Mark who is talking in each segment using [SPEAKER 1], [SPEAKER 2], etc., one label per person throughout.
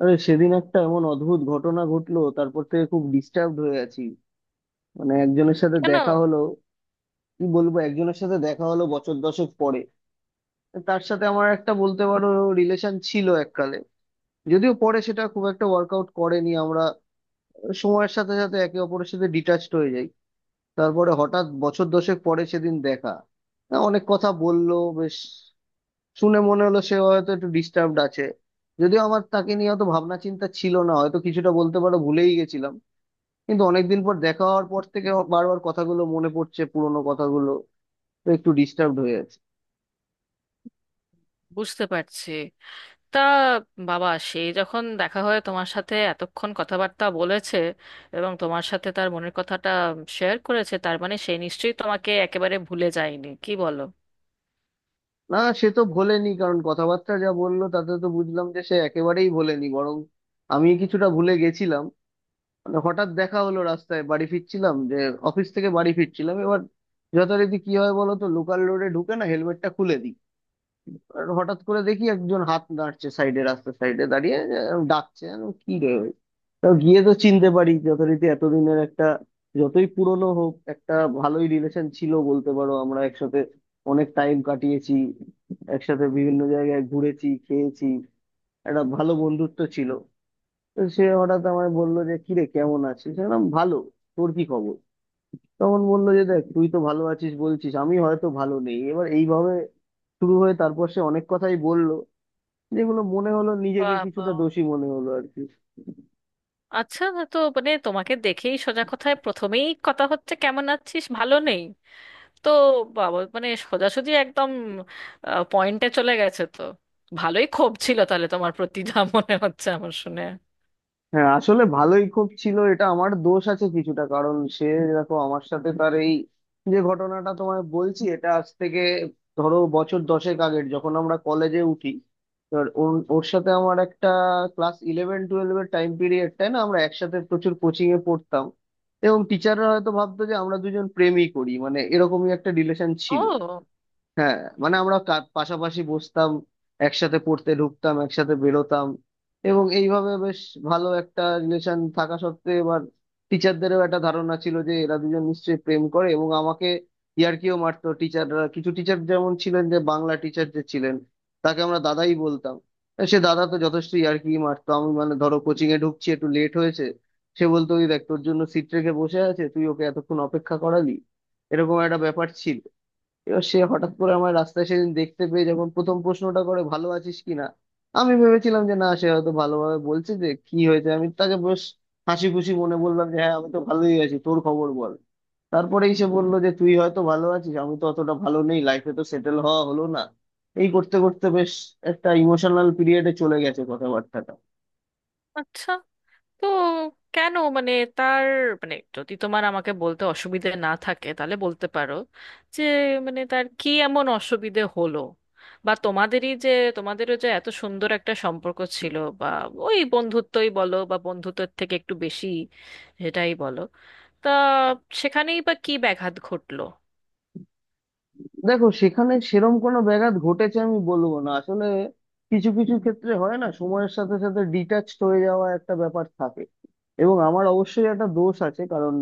[SPEAKER 1] আরে, সেদিন একটা এমন অদ্ভুত ঘটনা ঘটলো, তারপর থেকে খুব ডিস্টার্বড হয়ে আছি। মানে একজনের সাথে
[SPEAKER 2] কেন?
[SPEAKER 1] দেখা হলো। কি বলবো, একজনের সাথে দেখা হলো বছর দশেক পরে। তার সাথে আমার একটা বলতে পারো রিলেশন ছিল এককালে। যদিও পরে সেটা খুব একটা ওয়ার্কআউট করেনি, আমরা সময়ের সাথে সাথে একে অপরের সাথে ডিটাচড হয়ে যাই। তারপরে হঠাৎ বছর দশেক পরে সেদিন দেখা। হ্যাঁ, অনেক কথা বললো। বেশ, শুনে মনে হলো সে হয়তো একটু ডিস্টার্বড আছে। যদিও আমার তাকে নিয়ে অত ভাবনা চিন্তা ছিল না, হয়তো কিছুটা বলতে পারো ভুলেই গেছিলাম। কিন্তু অনেকদিন পর দেখা হওয়ার পর থেকে আমার বারবার কথাগুলো মনে পড়ছে, পুরোনো কথাগুলো। তো একটু ডিস্টার্বড হয়ে আছে।
[SPEAKER 2] বুঝতে পারছি। তা বাবা, সে যখন দেখা হয় তোমার সাথে এতক্ষণ কথাবার্তা বলেছে এবং তোমার সাথে তার মনের কথাটা শেয়ার করেছে, তার মানে সে নিশ্চয়ই তোমাকে একেবারে ভুলে যায়নি, কি বলো?
[SPEAKER 1] না, সে তো ভোলেনি, কারণ কথাবার্তা যা বললো তাতে তো বুঝলাম যে সে একেবারেই ভোলেনি, বরং আমি কিছুটা ভুলে গেছিলাম। মানে হঠাৎ দেখা হলো রাস্তায়, বাড়ি ফিরছিলাম যে, অফিস থেকে বাড়ি ফিরছিলাম। এবার যথারীতি কি হয় বলো তো, লোকাল রোডে ঢুকে না হেলমেটটা খুলে দিই। আর হঠাৎ করে দেখি একজন হাত নাড়ছে, সাইডে, রাস্তার সাইডে দাঁড়িয়ে ডাকছে। আমি বললাম, কি রে ওই। তো গিয়ে তো চিনতে পারি যথারীতি, এতদিনের একটা, যতই পুরনো হোক, একটা ভালোই রিলেশন ছিল বলতে পারো। আমরা একসাথে অনেক টাইম কাটিয়েছি, একসাথে বিভিন্ন জায়গায় ঘুরেছি, খেয়েছি, একটা ভালো বন্ধুত্ব ছিল। তো সে হঠাৎ আমায় বললো যে, কিরে, কেমন আছিস? আমি বললাম, ভালো, তোর কি খবর? তখন বললো যে, দেখ, তুই তো ভালো আছিস বলছিস, আমি হয়তো ভালো নেই। এবার এইভাবে শুরু হয়ে তারপর সে অনেক কথাই বলল, যেগুলো মনে হলো, নিজেকে
[SPEAKER 2] বাবা,
[SPEAKER 1] কিছুটা দোষী মনে হলো আর কি।
[SPEAKER 2] আচ্ছা। তো মানে তোমাকে দেখেই সোজা কথায় প্রথমেই কথা হচ্ছে কেমন আছিস, ভালো নেই। তো বাবা, মানে সোজাসুজি একদম পয়েন্টে চলে গেছে তো। ভালোই ক্ষোভ ছিল তাহলে তোমার প্রতি, যা মনে হচ্ছে আমার শুনে।
[SPEAKER 1] হ্যাঁ, আসলে ভালোই খুব ছিল। এটা আমার দোষ আছে কিছুটা, কারণ সে, দেখো, আমার সাথে তার এই যে ঘটনাটা তোমায় বলছি, এটা আজ থেকে ধরো বছর দশেক আগের, যখন আমরা কলেজে উঠি। এবার ওর ওর সাথে আমার একটা ক্লাস ইলেভেন টুয়েলভ এর টাইম পিরিয়ডটায় না, আমরা একসাথে প্রচুর কোচিং এ পড়তাম। এবং টিচাররা হয়তো ভাবতো যে আমরা দুজন প্রেমই করি, মানে এরকমই একটা রিলেশন ছিল।
[SPEAKER 2] ও,
[SPEAKER 1] হ্যাঁ, মানে আমরা পাশাপাশি বসতাম, একসাথে পড়তে ঢুকতাম, একসাথে বেরোতাম। এবং এইভাবে বেশ ভালো একটা রিলেশন থাকা সত্ত্বেও, এবার টিচারদেরও একটা ধারণা ছিল যে এরা দুজন নিশ্চয়ই প্রেম করে, এবং আমাকে ইয়ার্কিও মারতো টিচাররা। কিছু টিচার যেমন ছিলেন, যে বাংলা টিচার যে ছিলেন, তাকে আমরা দাদাই বলতাম। আর সে দাদা তো যথেষ্ট ইয়ার্কি মারতো। আমি মানে ধরো কোচিং এ ঢুকছি, একটু লেট হয়েছে, সে বলতো, ওই দেখ, তোর জন্য সিট রেখে বসে আছে, তুই ওকে এতক্ষণ অপেক্ষা করালি। এরকম একটা ব্যাপার ছিল। এবার সে হঠাৎ করে আমার রাস্তায় সেদিন দেখতে পেয়ে, যখন প্রথম প্রশ্নটা করে ভালো আছিস কিনা, আমি ভেবেছিলাম যে না, সে হয়তো ভালোভাবে বলছে। যে কি হয়েছে, আমি তাকে বেশ হাসি খুশি মনে বললাম যে, হ্যাঁ, আমি তো ভালোই আছি, তোর খবর বল। তারপরেই সে বললো যে, তুই হয়তো ভালো আছিস, আমি তো অতটা ভালো নেই, লাইফে তো সেটেল হওয়া হলো না। এই করতে করতে বেশ একটা ইমোশনাল পিরিয়ডে চলে গেছে কথাবার্তাটা।
[SPEAKER 2] আচ্ছা। তো কেন, মানে তার, মানে যদি তোমার আমাকে বলতে অসুবিধে না থাকে তাহলে বলতে পারো যে, মানে তার কি এমন অসুবিধে হলো, বা তোমাদেরই যে তোমাদেরও যে এত সুন্দর একটা সম্পর্ক ছিল, বা ওই বন্ধুত্বই বলো বা বন্ধুত্বের থেকে একটু বেশি, সেটাই বলো, তা সেখানেই বা কি ব্যাঘাত ঘটলো?
[SPEAKER 1] দেখো, সেখানে সেরম কোনো ব্যাঘাত ঘটেছে আমি বলবো না, আসলে কিছু কিছু ক্ষেত্রে হয় না, সময়ের সাথে সাথে ডিটাচড হয়ে যাওয়া একটা ব্যাপার থাকে। এবং আমার অবশ্যই একটা দোষ আছে, কারণ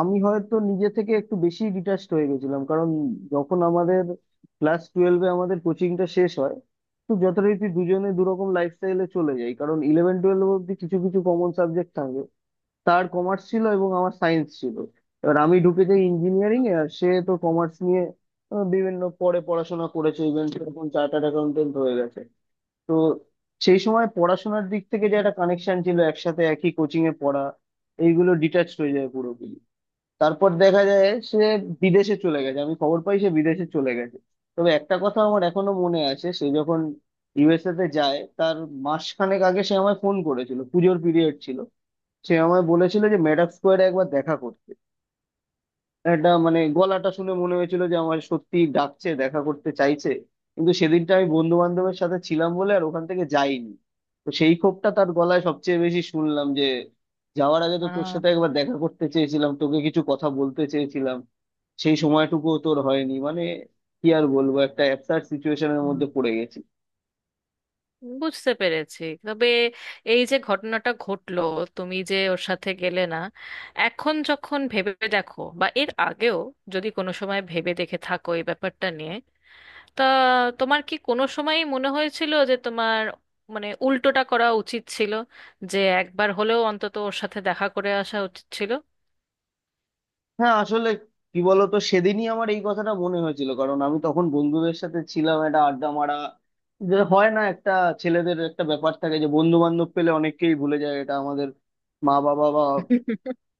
[SPEAKER 1] আমি হয়তো নিজে থেকে একটু বেশি ডিটাচড হয়ে গেছিলাম। কারণ যখন আমাদের ক্লাস টুয়েলভে আমাদের কোচিংটা শেষ হয়, তো যথারীতি দুজনে দুরকম লাইফস্টাইলে চলে যাই। কারণ ইলেভেন টুয়েলভ অব্দি কিছু কিছু কমন সাবজেক্ট থাকে। তার কমার্স ছিল এবং আমার সায়েন্স ছিল। এবার আমি ঢুকে যাই ইঞ্জিনিয়ারিং এ, আর সে তো কমার্স নিয়ে বিভিন্ন পরে পড়াশোনা করেছে, ইভেন সেরকম চার্টার্ড অ্যাকাউন্টেন্ট হয়ে গেছে। তো সেই সময় পড়াশোনার দিক থেকে যে একটা কানেকশন ছিল, একসাথে একই কোচিং এ পড়া, এইগুলো ডিটাচড হয়ে যায় পুরোপুরি। তারপর দেখা যায় সে বিদেশে চলে গেছে। আমি খবর পাই সে বিদেশে চলে গেছে। তবে একটা কথা আমার এখনো মনে আছে, সে যখন ইউএসএ তে যায়, তার মাসখানেক আগে সে আমায় ফোন করেছিল, পুজোর পিরিয়ড ছিল। সে আমায় বলেছিল যে মেডাক স্কোয়ারে একবার দেখা করতে। এটা মানে গলাটা শুনে মনে হয়েছিল যে আমার, সত্যি ডাকছে দেখা করতে চাইছে। কিন্তু সেদিনটা আমি বন্ধু বান্ধবের সাথে ছিলাম বলে আর ওখান থেকে যাইনি। তো সেই ক্ষোভটা তার গলায় সবচেয়ে বেশি শুনলাম, যে যাওয়ার আগে তো তোর
[SPEAKER 2] আহ
[SPEAKER 1] সাথে একবার দেখা করতে চেয়েছিলাম, তোকে কিছু কথা বলতে চেয়েছিলাম, সেই সময়টুকুও তোর হয়নি। মানে কি আর বলবো, একটা অ্যাবসার্ড সিচুয়েশনের মধ্যে পড়ে গেছি।
[SPEAKER 2] বুঝতে পেরেছি, তবে এই যে ঘটনাটা ঘটলো, তুমি যে ওর সাথে গেলে না, এখন যখন ভেবে দেখো বা এর আগেও যদি কোনো সময় ভেবে দেখে থাকো এই ব্যাপারটা নিয়ে, তা তোমার কি কোনো সময়ই মনে হয়েছিল যে তোমার মানে উল্টোটা করা উচিত ছিল, যে একবার হলেও অন্তত ওর সাথে দেখা করে আসা উচিত ছিল?
[SPEAKER 1] হ্যাঁ, আসলে কি বলতো, সেদিনই আমার এই কথাটা মনে হয়েছিল, কারণ আমি তখন বন্ধুদের সাথে ছিলাম, একটা আড্ডা মারা, যে হয় না একটা, ছেলেদের একটা ব্যাপার থাকে যে বন্ধু বান্ধব পেলে অনেককেই ভুলে যায়। এটা আমাদের মা বাবা বা,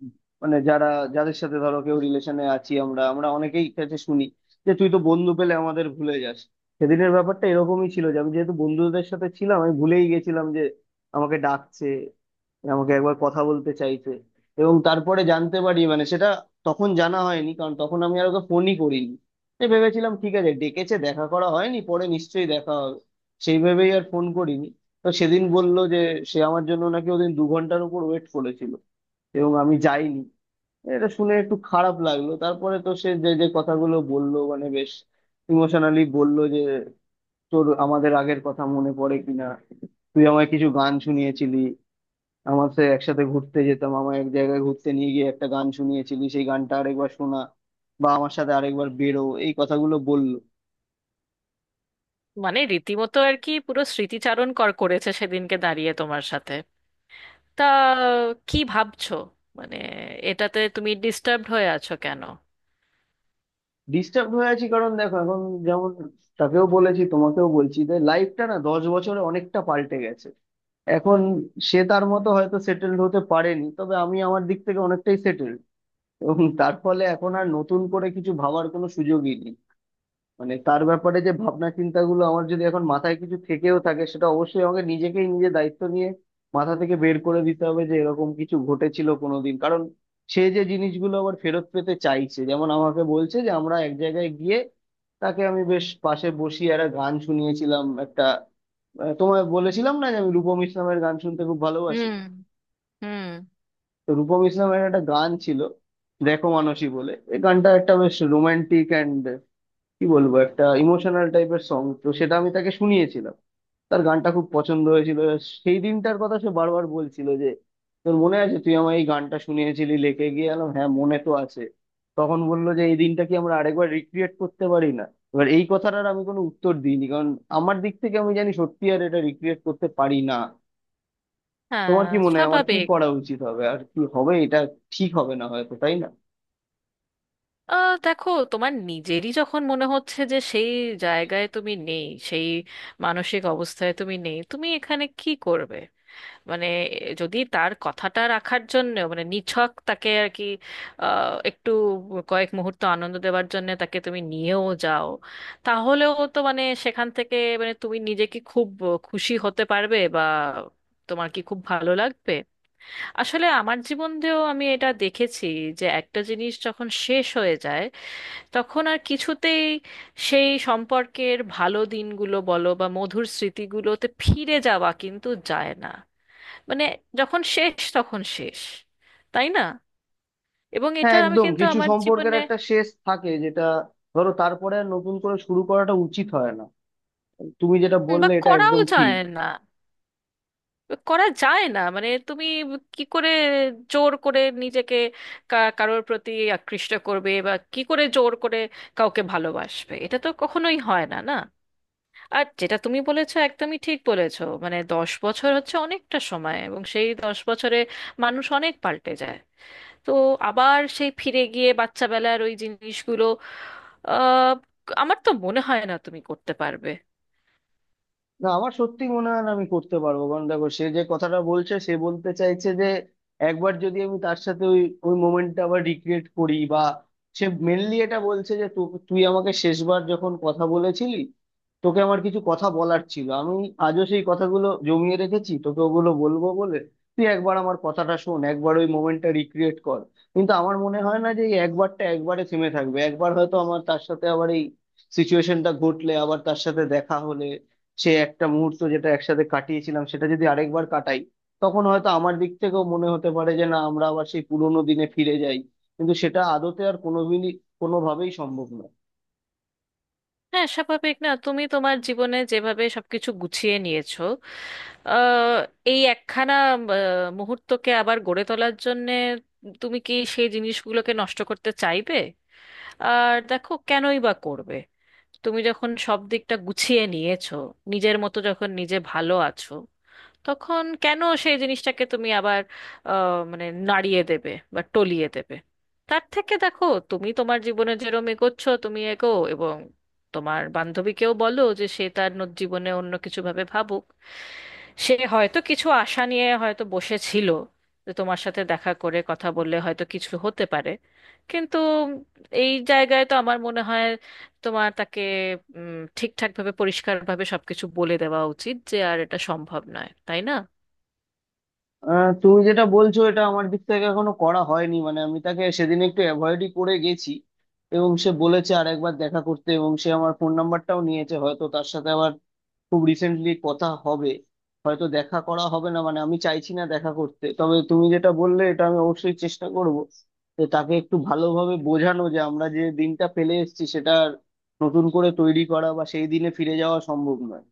[SPEAKER 1] মানে যারা, যাদের সাথে ধরো কেউ রিলেশনে আছি, আমরা আমরা অনেকেই কাছে শুনি যে, তুই তো বন্ধু পেলে আমাদের ভুলে যাস। সেদিনের ব্যাপারটা এরকমই ছিল যে, আমি যেহেতু বন্ধুদের সাথে ছিলাম, আমি ভুলেই গেছিলাম যে আমাকে ডাকছে, আমাকে একবার কথা বলতে চাইছে। এবং তারপরে জানতে পারি, মানে সেটা তখন জানা হয়নি, কারণ তখন আমি আর ওকে ফোনই করিনি। এই ভেবেছিলাম ঠিক আছে, ডেকেছে, দেখা করা হয়নি, পরে নিশ্চয়ই দেখা হবে, সেই ভেবেই আর ফোন করিনি। তো সেদিন বলল যে সে আমার জন্য নাকি ওদিন 2 ঘন্টার উপর ওয়েট করেছিল এবং আমি যাইনি। এটা শুনে একটু খারাপ লাগলো। তারপরে তো সে যে যে কথাগুলো বললো, মানে বেশ ইমোশনালি বললো যে তোর আমাদের আগের কথা মনে পড়ে কিনা, তুই আমায় কিছু গান শুনিয়েছিলি, আমার সে একসাথে ঘুরতে যেতাম, আমার এক জায়গায় ঘুরতে নিয়ে গিয়ে একটা গান শুনিয়েছিলি, সেই গানটা আরেকবার শোনা, বা আমার সাথে আরেকবার বেরো, এই কথাগুলো বললো।
[SPEAKER 2] মানে রীতিমতো আর কি পুরো স্মৃতিচারণ করেছে সেদিনকে দাঁড়িয়ে তোমার সাথে। তা কি ভাবছো? মানে এটাতে তুমি ডিস্টার্বড হয়ে আছো কেন?
[SPEAKER 1] ডিস্টার্ব হয়ে আছি কারণ দেখো এখন, যেমন তাকেও বলেছি, তোমাকেও বলছি, যে লাইফটা না 10 বছরে অনেকটা পাল্টে গেছে। এখন সে তার মতো হয়তো সেটেলড হতে পারেনি, তবে আমি আমার দিক থেকে অনেকটাই সেটেলড, এবং তার ফলে এখন আর নতুন করে কিছু ভাবার কোনো সুযোগই নেই। মানে তার ব্যাপারে যে ভাবনা চিন্তাগুলো আমার, যদি এখন মাথায় কিছু থেকেও থাকে, সেটা অবশ্যই আমাকে নিজেকেই নিজে দায়িত্ব নিয়ে মাথা থেকে বের করে দিতে হবে, যে এরকম কিছু ঘটেছিল কোনোদিন। কারণ সে যে জিনিসগুলো আবার ফেরত পেতে চাইছে, যেমন আমাকে বলছে যে আমরা এক জায়গায় গিয়ে, তাকে আমি বেশ পাশে বসিয়ে একটা গান শুনিয়েছিলাম একটা, তোমায় বলেছিলাম না যে আমি রূপম ইসলামের গান শুনতে খুব ভালোবাসি।
[SPEAKER 2] হুম। হুম।
[SPEAKER 1] তো রূপম ইসলামের একটা গান ছিল, দেখো, মানসী বলে, এই গানটা একটা বেশ রোমান্টিক, কি বলবো, একটা ইমোশনাল টাইপের সং। তো সেটা আমি তাকে শুনিয়েছিলাম, তার গানটা খুব পছন্দ হয়েছিল। সেই দিনটার কথা সে বারবার বলছিল যে, তোর মনে আছে তুই আমার এই গানটা শুনিয়েছিলি লেকে গিয়ে এলাম? হ্যাঁ, মনে তো আছে। তখন বললো যে এই দিনটা কি আমরা আরেকবার রিক্রিয়েট করতে পারি না? এবার এই কথাটার আমি কোনো উত্তর দিইনি, কারণ আমার দিক থেকে আমি জানি সত্যি আর এটা রিক্রিয়েট করতে পারি না। তোমার
[SPEAKER 2] হ্যাঁ,
[SPEAKER 1] কি মনে হয় আমার কি
[SPEAKER 2] স্বাভাবিক।
[SPEAKER 1] করা উচিত হবে, আর কি হবে এটা ঠিক হবে না হয়তো, তাই না?
[SPEAKER 2] দেখো, তোমার নিজেরই যখন মনে হচ্ছে যে সেই জায়গায় তুমি নেই, সেই মানসিক অবস্থায় তুমি নেই, তুমি এখানে কি করবে? মানে যদি তার কথাটা রাখার জন্য, মানে নিছক তাকে আর কি, একটু কয়েক মুহূর্ত আনন্দ দেওয়ার জন্য তাকে তুমি নিয়েও যাও, তাহলেও তো মানে সেখান থেকে, মানে তুমি নিজে কি খুব খুশি হতে পারবে, বা তোমার কি খুব ভালো লাগবে? আসলে আমার জীবন দিয়েও আমি এটা দেখেছি, যে একটা জিনিস যখন শেষ হয়ে যায়, তখন আর কিছুতেই সেই সম্পর্কের ভালো দিনগুলো বলো বা মধুর স্মৃতিগুলোতে ফিরে যাওয়া কিন্তু যায় না। মানে যখন শেষ তখন শেষ, তাই না? এবং
[SPEAKER 1] হ্যাঁ
[SPEAKER 2] এটা আমি
[SPEAKER 1] একদম,
[SPEAKER 2] কিন্তু
[SPEAKER 1] কিছু
[SPEAKER 2] আমার
[SPEAKER 1] সম্পর্কের
[SPEAKER 2] জীবনে।
[SPEAKER 1] একটা শেষ থাকে, যেটা ধরো তারপরে আর নতুন করে শুরু করাটা উচিত হয় না। তুমি যেটা
[SPEAKER 2] বা
[SPEAKER 1] বললে এটা
[SPEAKER 2] করাও
[SPEAKER 1] একদম ঠিক।
[SPEAKER 2] যায় না। করা যায় না, মানে তুমি কি করে জোর করে নিজেকে কারোর প্রতি আকৃষ্ট করবে, বা কি করে জোর করে কাউকে ভালোবাসবে? এটা তো কখনোই হয় না, না? আর যেটা তুমি বলেছো একদমই ঠিক বলেছো, মানে 10 বছর হচ্ছে অনেকটা সময়, এবং সেই 10 বছরে মানুষ অনেক পাল্টে যায়। তো আবার সেই ফিরে গিয়ে বাচ্চাবেলার ওই জিনিসগুলো, আহ আমার তো মনে হয় না তুমি করতে পারবে।
[SPEAKER 1] না, আমার সত্যি মনে হয় না আমি করতে পারবো। কারণ দেখো, সে যে কথাটা বলছে, সে বলতে চাইছে যে, একবার যদি আমি তার সাথে ওই ওই মোমেন্টটা আবার রিক্রিয়েট করি, বা সে মেনলি এটা বলছে যে, তুই আমাকে শেষবার যখন কথা বলেছিলি, তোকে আমার কিছু কথা বলার ছিল, আমি আজও সেই কথাগুলো জমিয়ে রেখেছি, তোকে ওগুলো বলবো বলে। তুই একবার আমার কথাটা শোন, একবার ওই মোমেন্টটা রিক্রিয়েট কর। কিন্তু আমার মনে হয় না যে এই একবারটা একবারে থেমে থাকবে। একবার হয়তো আমার তার সাথে আবার এই সিচুয়েশনটা ঘটলে, আবার তার সাথে দেখা হলে, সে একটা মুহূর্ত যেটা একসাথে কাটিয়েছিলাম, সেটা যদি আরেকবার কাটাই, তখন হয়তো আমার দিক থেকেও মনে হতে পারে যে না, আমরা আবার সেই পুরোনো দিনে ফিরে যাই। কিন্তু সেটা আদতে আর কোনোদিনই, কোনোভাবেই সম্ভব নয়।
[SPEAKER 2] হ্যাঁ, স্বাভাবিক না, তুমি তোমার জীবনে যেভাবে সবকিছু গুছিয়ে নিয়েছো, আহ, এই একখানা আহ, মুহূর্তকে আবার গড়ে তোলার জন্যে তুমি কি সেই জিনিসগুলোকে নষ্ট করতে চাইবে? আর দেখো কেনই বা করবে, তুমি যখন সব দিকটা গুছিয়ে নিয়েছো, নিজের মতো যখন নিজে ভালো আছো, তখন কেন সেই জিনিসটাকে তুমি আবার মানে নাড়িয়ে দেবে বা টলিয়ে দেবে? তার থেকে দেখো, তুমি তোমার জীবনে যেরম এগোচ্ছ তুমি এগো, এবং তোমার বান্ধবীকেও বলো যে সে তার জীবনে অন্য কিছু ভাবে ভাবুক। সে হয়তো কিছু আশা নিয়ে হয়তো বসেছিল যে তোমার সাথে দেখা করে কথা বললে হয়তো কিছু হতে পারে, কিন্তু এই জায়গায় তো আমার মনে হয় তোমার তাকে ঠিকঠাকভাবে পরিষ্কারভাবে সবকিছু বলে দেওয়া উচিত যে আর এটা সম্ভব নয়, তাই না?
[SPEAKER 1] তুমি যেটা বলছো, এটা আমার দিক থেকে এখনো করা হয়নি। মানে আমি তাকে সেদিন একটু অ্যাভয়েডই করে গেছি, এবং সে বলেছে আরেকবার দেখা করতে, এবং সে আমার ফোন নাম্বারটাও নিয়েছে, হয়তো তার সাথে আবার খুব রিসেন্টলি কথা হবে। হয়তো দেখা করা হবে না, মানে আমি চাইছি না দেখা করতে। তবে তুমি যেটা বললে এটা আমি অবশ্যই চেষ্টা করব, যে তাকে একটু ভালোভাবে বোঝানো যে আমরা যে দিনটা ফেলে এসেছি, সেটা আর নতুন করে তৈরি করা, বা সেই দিনে ফিরে যাওয়া সম্ভব নয়।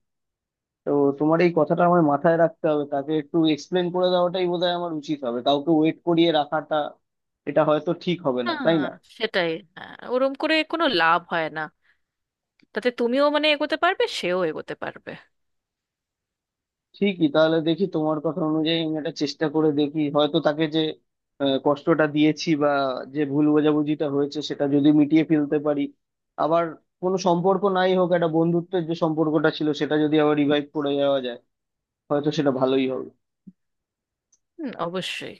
[SPEAKER 1] তো তোমার এই কথাটা আমার মাথায় রাখতে হবে। তাকে একটু এক্সপ্লেন করে দেওয়াটাই বোধহয় আমার উচিত হবে। কাউকে ওয়েট করিয়ে রাখাটা, এটা হয়তো ঠিক হবে না, তাই
[SPEAKER 2] হ্যাঁ,
[SPEAKER 1] না?
[SPEAKER 2] সেটাই। হ্যাঁ, ওরম করে কোনো লাভ হয় না, তাতে তুমিও মানে এগোতে পারবে, সেও এগোতে পারবে।
[SPEAKER 1] ঠিকই, তাহলে দেখি তোমার কথা অনুযায়ী আমি এটা চেষ্টা করে দেখি, হয়তো তাকে যে কষ্টটা দিয়েছি, বা যে ভুল বোঝাবুঝিটা হয়েছে, সেটা যদি মিটিয়ে ফেলতে পারি। আবার কোনো সম্পর্ক নাই হোক, একটা বন্ধুত্বের যে সম্পর্কটা ছিল, সেটা যদি আবার রিভাইভ করে যাওয়া যায়, হয়তো সেটা ভালোই হবে।
[SPEAKER 2] হুম, অবশ্যই।